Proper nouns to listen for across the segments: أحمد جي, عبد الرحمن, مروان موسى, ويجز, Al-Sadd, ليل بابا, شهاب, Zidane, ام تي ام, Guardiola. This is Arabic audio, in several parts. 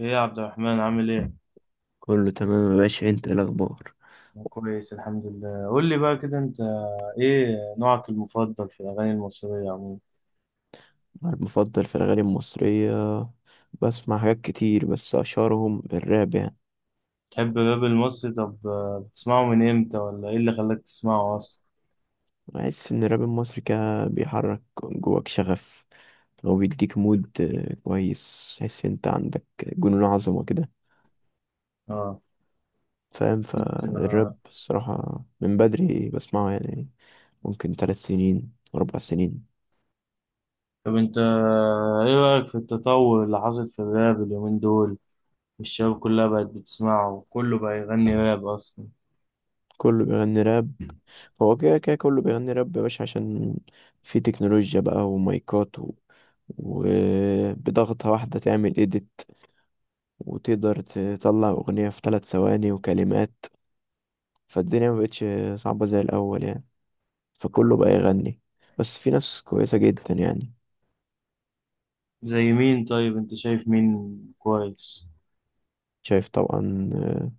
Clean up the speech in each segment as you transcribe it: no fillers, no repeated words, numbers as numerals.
ايه يا عبد الرحمن عامل ايه؟ كله تمام يا باشا، انت ايه الاخبار؟ أنا كويس الحمد لله. قول لي بقى كده، انت ايه نوعك المفضل في الاغاني المصرية عموما؟ انا المفضل في الاغاني المصريه، بسمع حاجات كتير بس اشهرهم الراب يعني. تحب الراب المصري؟ طب، بتسمعه من امتى، ولا ايه اللي خلاك تسمعه اصلا؟ بحس ان الراب المصري كده بيحرك جواك شغف. هو بيديك مود، كويس، تحس انت عندك جنون عظمه كده اه. فاهم. فالراب الصراحه من بدري بسمعه يعني، ممكن 3 سنين 4 سنين. طب انت، ايه رأيك في التطور اللي حصل في الراب اليومين دول؟ الشباب كلها بقت بتسمعه، وكله بقى يغني راب اصلا. كله بيغني راب. هو كده كده كله بيغني راب يا باشا، عشان في تكنولوجيا بقى ومايكات وبضغطة واحدة تعمل إيديت، وتقدر تطلع أغنية في 3 ثواني وكلمات. فالدنيا ما بقتش صعبة زي الأول يعني، فكله بقى يغني، بس في ناس كويسة جدا يعني. زي مين؟ طيب، انت شايف مين كويس؟ شايف طبعا.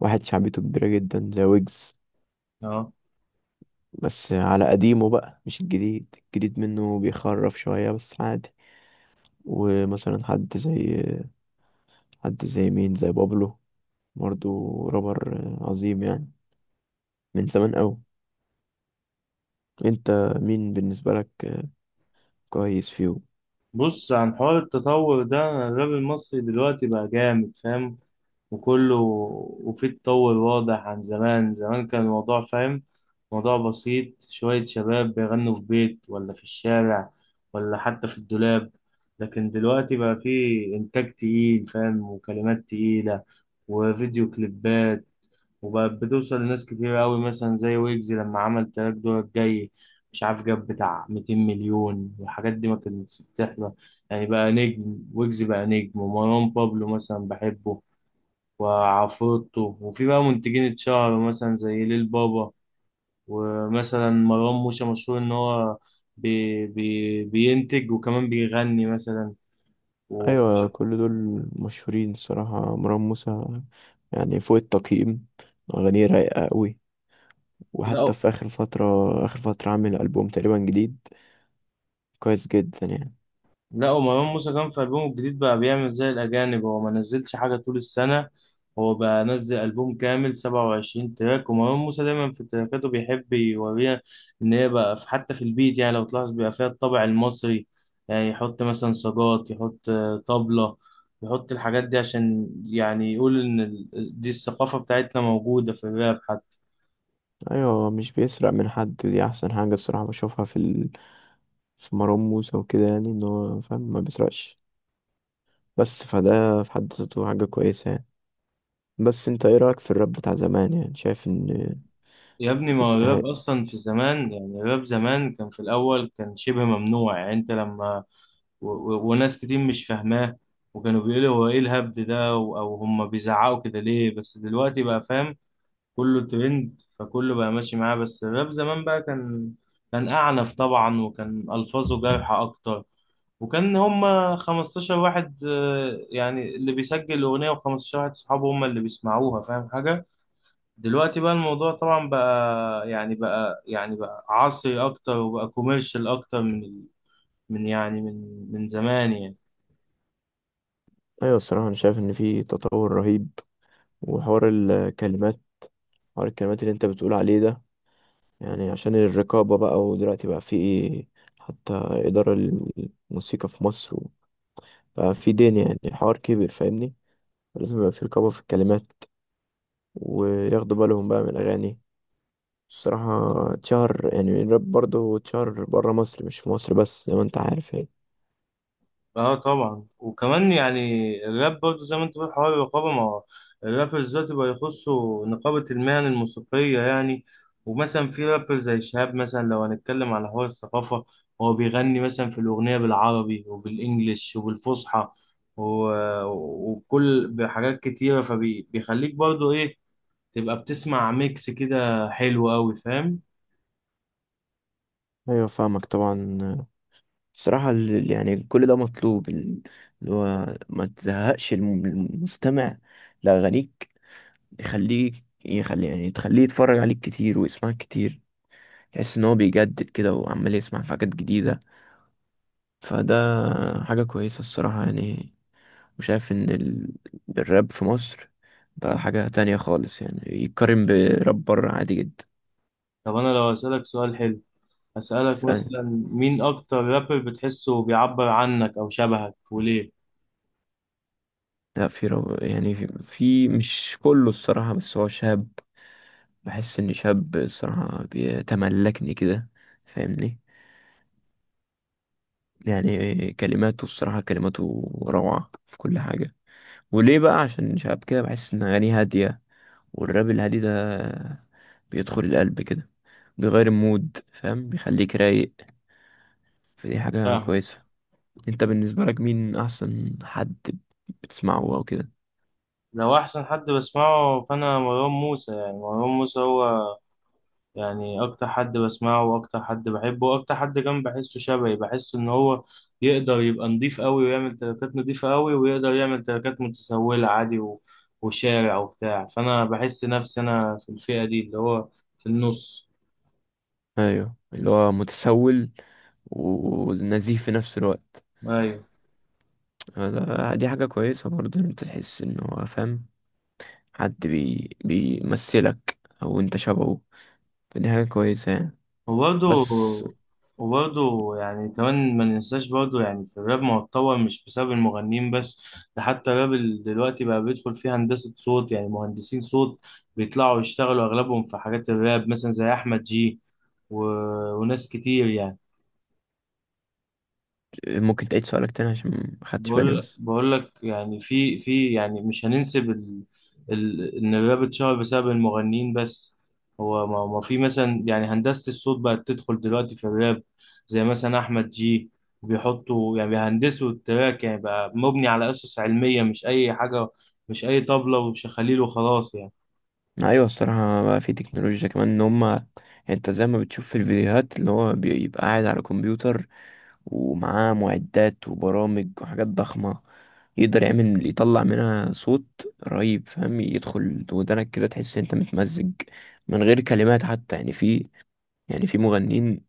واحد شعبيته كبيرة جدا زي ويجز، اه. بس على قديمه بقى، مش الجديد. الجديد منه بيخرف شوية بس عادي. ومثلا حد زي، مين؟ زي بابلو، برضو رابر عظيم يعني، من زمان قوي. انت مين بالنسبة لك كويس فيهم؟ بص، عن حوار التطور ده، الراب المصري دلوقتي بقى جامد، فاهم، وكله. وفيه تطور واضح عن زمان. زمان كان الموضوع، فاهم، موضوع بسيط، شوية شباب بيغنوا في بيت ولا في الشارع، ولا حتى في الدولاب. لكن دلوقتي بقى فيه إنتاج تقيل، فاهم، وكلمات تقيلة، وفيديو كليبات، وبقت بتوصل لناس كتير أوي. مثلا زي ويجز لما عمل تراك دورك جاي، مش عارف، جاب بتاع 200 مليون، والحاجات دي ما كانتش بتحصل. يعني بقى نجم، ويجز بقى نجم، ومروان بابلو مثلا بحبه، وعفروتو. وفي بقى منتجين اتشهروا، مثلا زي ليل بابا. ومثلا مروان موسى مشهور ان هو بي بي بينتج، وكمان بيغني مثلا. و... ايوه كل دول مشهورين الصراحة. مروان موسى يعني فوق التقييم، اغانيه رايقة قوي. وحتى لا. في اخر فترة عامل البوم تقريبا جديد، كويس جدا يعني. لا، ومروان موسى كان في ألبومه الجديد بقى بيعمل زي الأجانب، هو ما نزلش حاجة طول السنة. هو بقى نزل ألبوم كامل، 27 تراك. ومروان موسى دايما في تراكاته بيحب يوريها إن هي بقى في، حتى في البيت، يعني لو تلاحظ بيبقى فيها الطابع المصري. يعني يحط مثلا صاجات، يحط طبلة، يحط الحاجات دي عشان يعني يقول إن دي الثقافة بتاعتنا موجودة في الراب حتى. ايوه مش بيسرق من حد، دي احسن حاجة الصراحة بشوفها في في مروان موسى وكده، يعني ان هو فاهم ما بيسرقش، بس فده في حد ذاته حاجة كويسة يعني. بس انت ايه رأيك في الراب بتاع زمان؟ يعني شايف ان يا ابني، ما هو يستحق؟ الراب أصلا في زمان. يعني الراب زمان كان في الأول كان شبه ممنوع، يعني أنت لما وناس كتير مش فاهماه. وكانوا بيقولوا هو ايه الهبد ده، او هم بيزعقوا كده ليه؟ بس دلوقتي بقى، فاهم، كله ترند، فكله بقى ماشي معاه. بس الراب زمان بقى كان أعنف طبعا، وكان ألفاظه جارحة أكتر، وكان هم 15 واحد، يعني اللي بيسجل الأغنية، و15 واحد صحابه هم اللي بيسمعوها، فاهم حاجة؟ دلوقتي بقى الموضوع طبعا، بقى عصري أكتر، وبقى كوميرشال أكتر من زمان يعني. ايوه الصراحه انا شايف ان في تطور رهيب، وحوار الكلمات حوار الكلمات اللي انت بتقول عليه ده، يعني عشان الرقابه بقى، ودلوقتي بقى في حتى اداره الموسيقى في مصر، بقى في دين يعني، حوار كبير فاهمني. لازم يبقى في رقابه في الكلمات، وياخدوا بالهم بقى من الاغاني. الصراحه اتشهر يعني الراب برضه، اتشهر بره مصر، مش في مصر بس، زي ما انت عارف يعني. اه، طبعا. وكمان يعني الراب برضه، زي ما انت بتقول، حوار الرقابه. ما هو الرابرز دلوقتي بقى يخصوا نقابه المهن الموسيقيه يعني. ومثلا في رابر زي شهاب، مثلا لو هنتكلم على حوار الثقافه، هو بيغني مثلا في الاغنيه بالعربي وبالانجلش وبالفصحى، وبكل بحاجات كتيره، فبيخليك برضه ايه؟ تبقى بتسمع ميكس كده حلو قوي، فاهم. ايوه فاهمك طبعا. الصراحة يعني كل ده مطلوب، اللي هو ما تزهقش المستمع لأغانيك، يخلي يعني تخليه يتفرج عليك كتير ويسمعك كتير، تحس إن هو بيجدد كده وعمال يسمع في حاجات جديدة، فده حاجة كويسة الصراحة يعني. وشايف إن الراب في مصر بقى حاجة تانية خالص يعني، يتقارن براب بره عادي جدا. طب انا لو اسالك سؤال حلو، أسألك تسألني؟ مثلا، مين أكتر رابر بتحسه بيعبر عنك أو شبهك وليه؟ لا، يعني في مش كله الصراحة، بس هو شاب. بحس إن شاب الصراحة بيتملكني كده فاهمني. يعني كلماته الصراحة، كلماته روعة في كل حاجة. وليه بقى؟ عشان شاب كده، بحس إن أغانيه هادية، والراب الهادي ده بيدخل القلب كده، بيغير المود فاهم، بيخليك رايق، فدي حاجة فاهم. كويسة. انت بالنسبة لك مين أحسن حد بتسمعه أو كده؟ لو أحسن حد بسمعه فأنا مروان موسى. يعني مروان موسى هو يعني أكتر حد بسمعه، وأكتر حد بحبه، وأكتر حد كمان بحسه شبهي. بحسه إن هو يقدر يبقى نضيف أوي، ويعمل تراكات نضيفة أوي، ويقدر يعمل تراكات متسولة عادي. وشارع وبتاع، فأنا بحس نفسي أنا في الفئة دي، اللي هو في النص. ايوه، اللي هو متسول ونزيف في نفس الوقت. أيوة. دي حاجة كويسة برضه، إن انت تحس ان هو فاهم، حد بيمثلك او انت شبهه، فدي حاجة كويسة يعني. وبرضه بس وبرضه يعني كمان ما ننساش برضه. يعني في الراب، ما هو اتطور مش بسبب المغنيين بس، ده حتى الراب، دلوقتي بقى بيدخل فيه هندسة صوت. يعني مهندسين صوت بيطلعوا يشتغلوا أغلبهم في حاجات الراب، مثلا زي أحمد جي. و... وناس كتير يعني. ممكن تعيد سؤالك تاني عشان ما خدتش بالي بقول بس. بقول لك، يعني في يعني مش هننسب ان الراب اتشهر بسبب المغنيين بس. هو ما في مثلا، يعني هندسة الصوت بقت تدخل دلوقتي في الراب، زي مثلا احمد جي. بيحطوا يعني بيهندسوا التراك، يعني بقى مبني على اسس علمية، مش اي حاجة، مش اي طبلة وشخاليل وخلاص يعني. ايوه الصراحه بقى في تكنولوجيا كمان، ان هما يعني، انت زي ما بتشوف في الفيديوهات، اللي هو بيبقى قاعد على كمبيوتر ومعاه معدات وبرامج وحاجات ضخمه، يقدر يعمل يطلع منها صوت رهيب فاهم، يدخل ودنك كده تحس إن انت متمزج من غير كلمات حتى يعني. يعني في مغنيين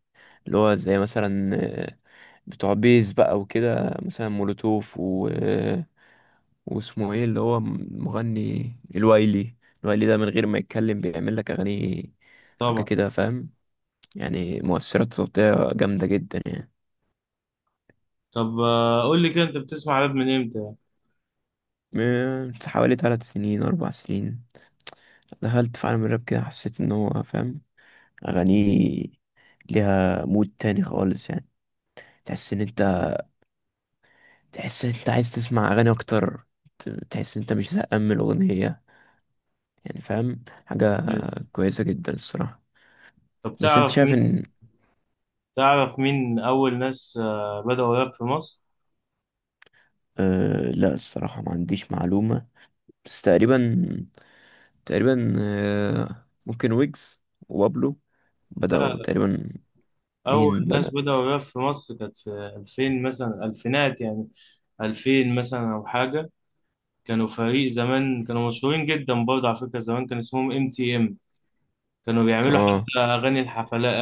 اللي هو زي مثلا، آه، بتوع بيز بقى وكده، مثلا مولوتوف، واسمه ايه اللي هو مغني الوايلي. الوايلي ده من غير ما يتكلم بيعمل لك اغاني، حاجه طبعا. كده فاهم، يعني مؤثرات صوتيه جامده جدا يعني. طب، قول لي كده، انت بتسمع راب من امتى؟ من حوالي 3 سنين 4 سنين دخلت في عالم الراب كده، حسيت ان هو فاهم، اغانيه ليها مود تاني خالص يعني. تحس ان انت تحس ان انت عايز تسمع اغاني اكتر، تحس ان انت مش زهقان من الاغنيه، يعني فاهم حاجه يعني. كويسه جدا الصراحه. طب، بس انت تعرف شايف مين؟ ان، تعرف مين اول ناس بدأوا راب في مصر؟ أه لا الصراحة ما عنديش معلومة، بس تقريبا، تقريبا أه ممكن ويجز وبابلو لا. بدأوا تقريبا. أول مين ناس بدأ؟ بدأوا الراب في مصر كانت في 2000 مثلا، ألفينات يعني. 2000 مثلا أو حاجة. كانوا فريق زمان، كانوا مشهورين جدا برضه. على فكرة، زمان كان اسمهم ام تي ام. كانوا بيعملوا اه، حتى أغاني الحفلات،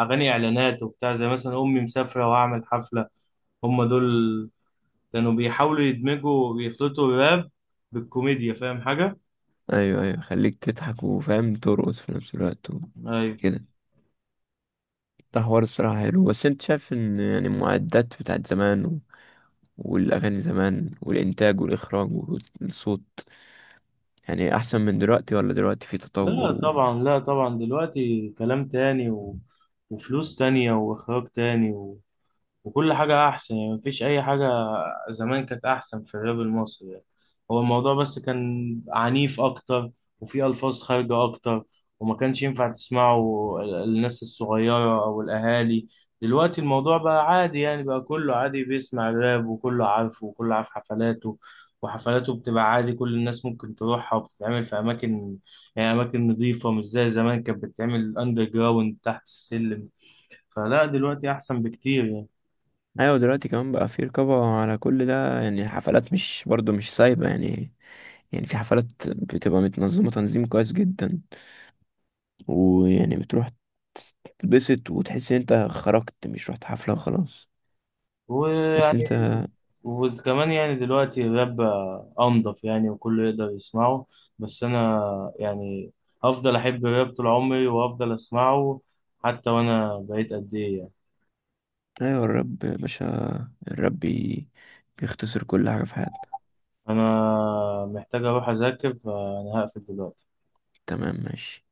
أغاني إعلانات وبتاع، زي مثلا أمي مسافرة وأعمل حفلة. هم دول كانوا بيحاولوا يدمجوا ويخلطوا الراب بالكوميديا، فاهم حاجة؟ ايوه ايوه، خليك تضحك وفاهم ترقص في نفس الوقت أيوة. وكده. ده حوار الصراحة حلو. بس انت شايف ان يعني المعدات بتاعت زمان والأغاني زمان، والإنتاج والإخراج والصوت، يعني أحسن من دلوقتي ولا دلوقتي في لا تطور؟ طبعا، لا طبعا، دلوقتي كلام تاني، وفلوس تانية وإخراج تاني، وكل حاجة أحسن، يعني مفيش أي حاجة زمان كانت أحسن في الراب المصري، يعني. هو الموضوع بس كان عنيف أكتر، وفيه ألفاظ خارجة أكتر، وما كانش ينفع تسمعه الناس الصغيرة أو الأهالي. دلوقتي الموضوع بقى عادي، يعني بقى كله عادي بيسمع الراب، وكله عارفه، وكله عارف حفلاته. وحفلاته بتبقى عادي، كل الناس ممكن تروحها، وبتتعمل في أماكن، يعني أماكن نظيفة، مش زي زمان كانت بتتعمل أندر جراوند تحت السلم. فلا، دلوقتي أحسن بكتير يعني. ايوه دلوقتي كمان بقى في رقابة على كل ده، يعني الحفلات مش برضو مش سايبة يعني. يعني في حفلات بتبقى متنظمة تنظيم كويس جدا، ويعني بتروح تتبسط وتحس ان انت خرجت، مش رحت حفلة وخلاص. بس ويعني انت، وكمان يعني دلوقتي الراب بقى أنضف، يعني وكله يقدر يسمعه. بس أنا يعني هفضل أحب الراب طول عمري، وهفضل أسمعه حتى وأنا بقيت قد إيه يعني. ايوه الرب يا باشا، الرب بيختصر كل حاجة في حياتك. أنا محتاج أروح أذاكر، فأنا هقفل دلوقتي. تمام ماشي.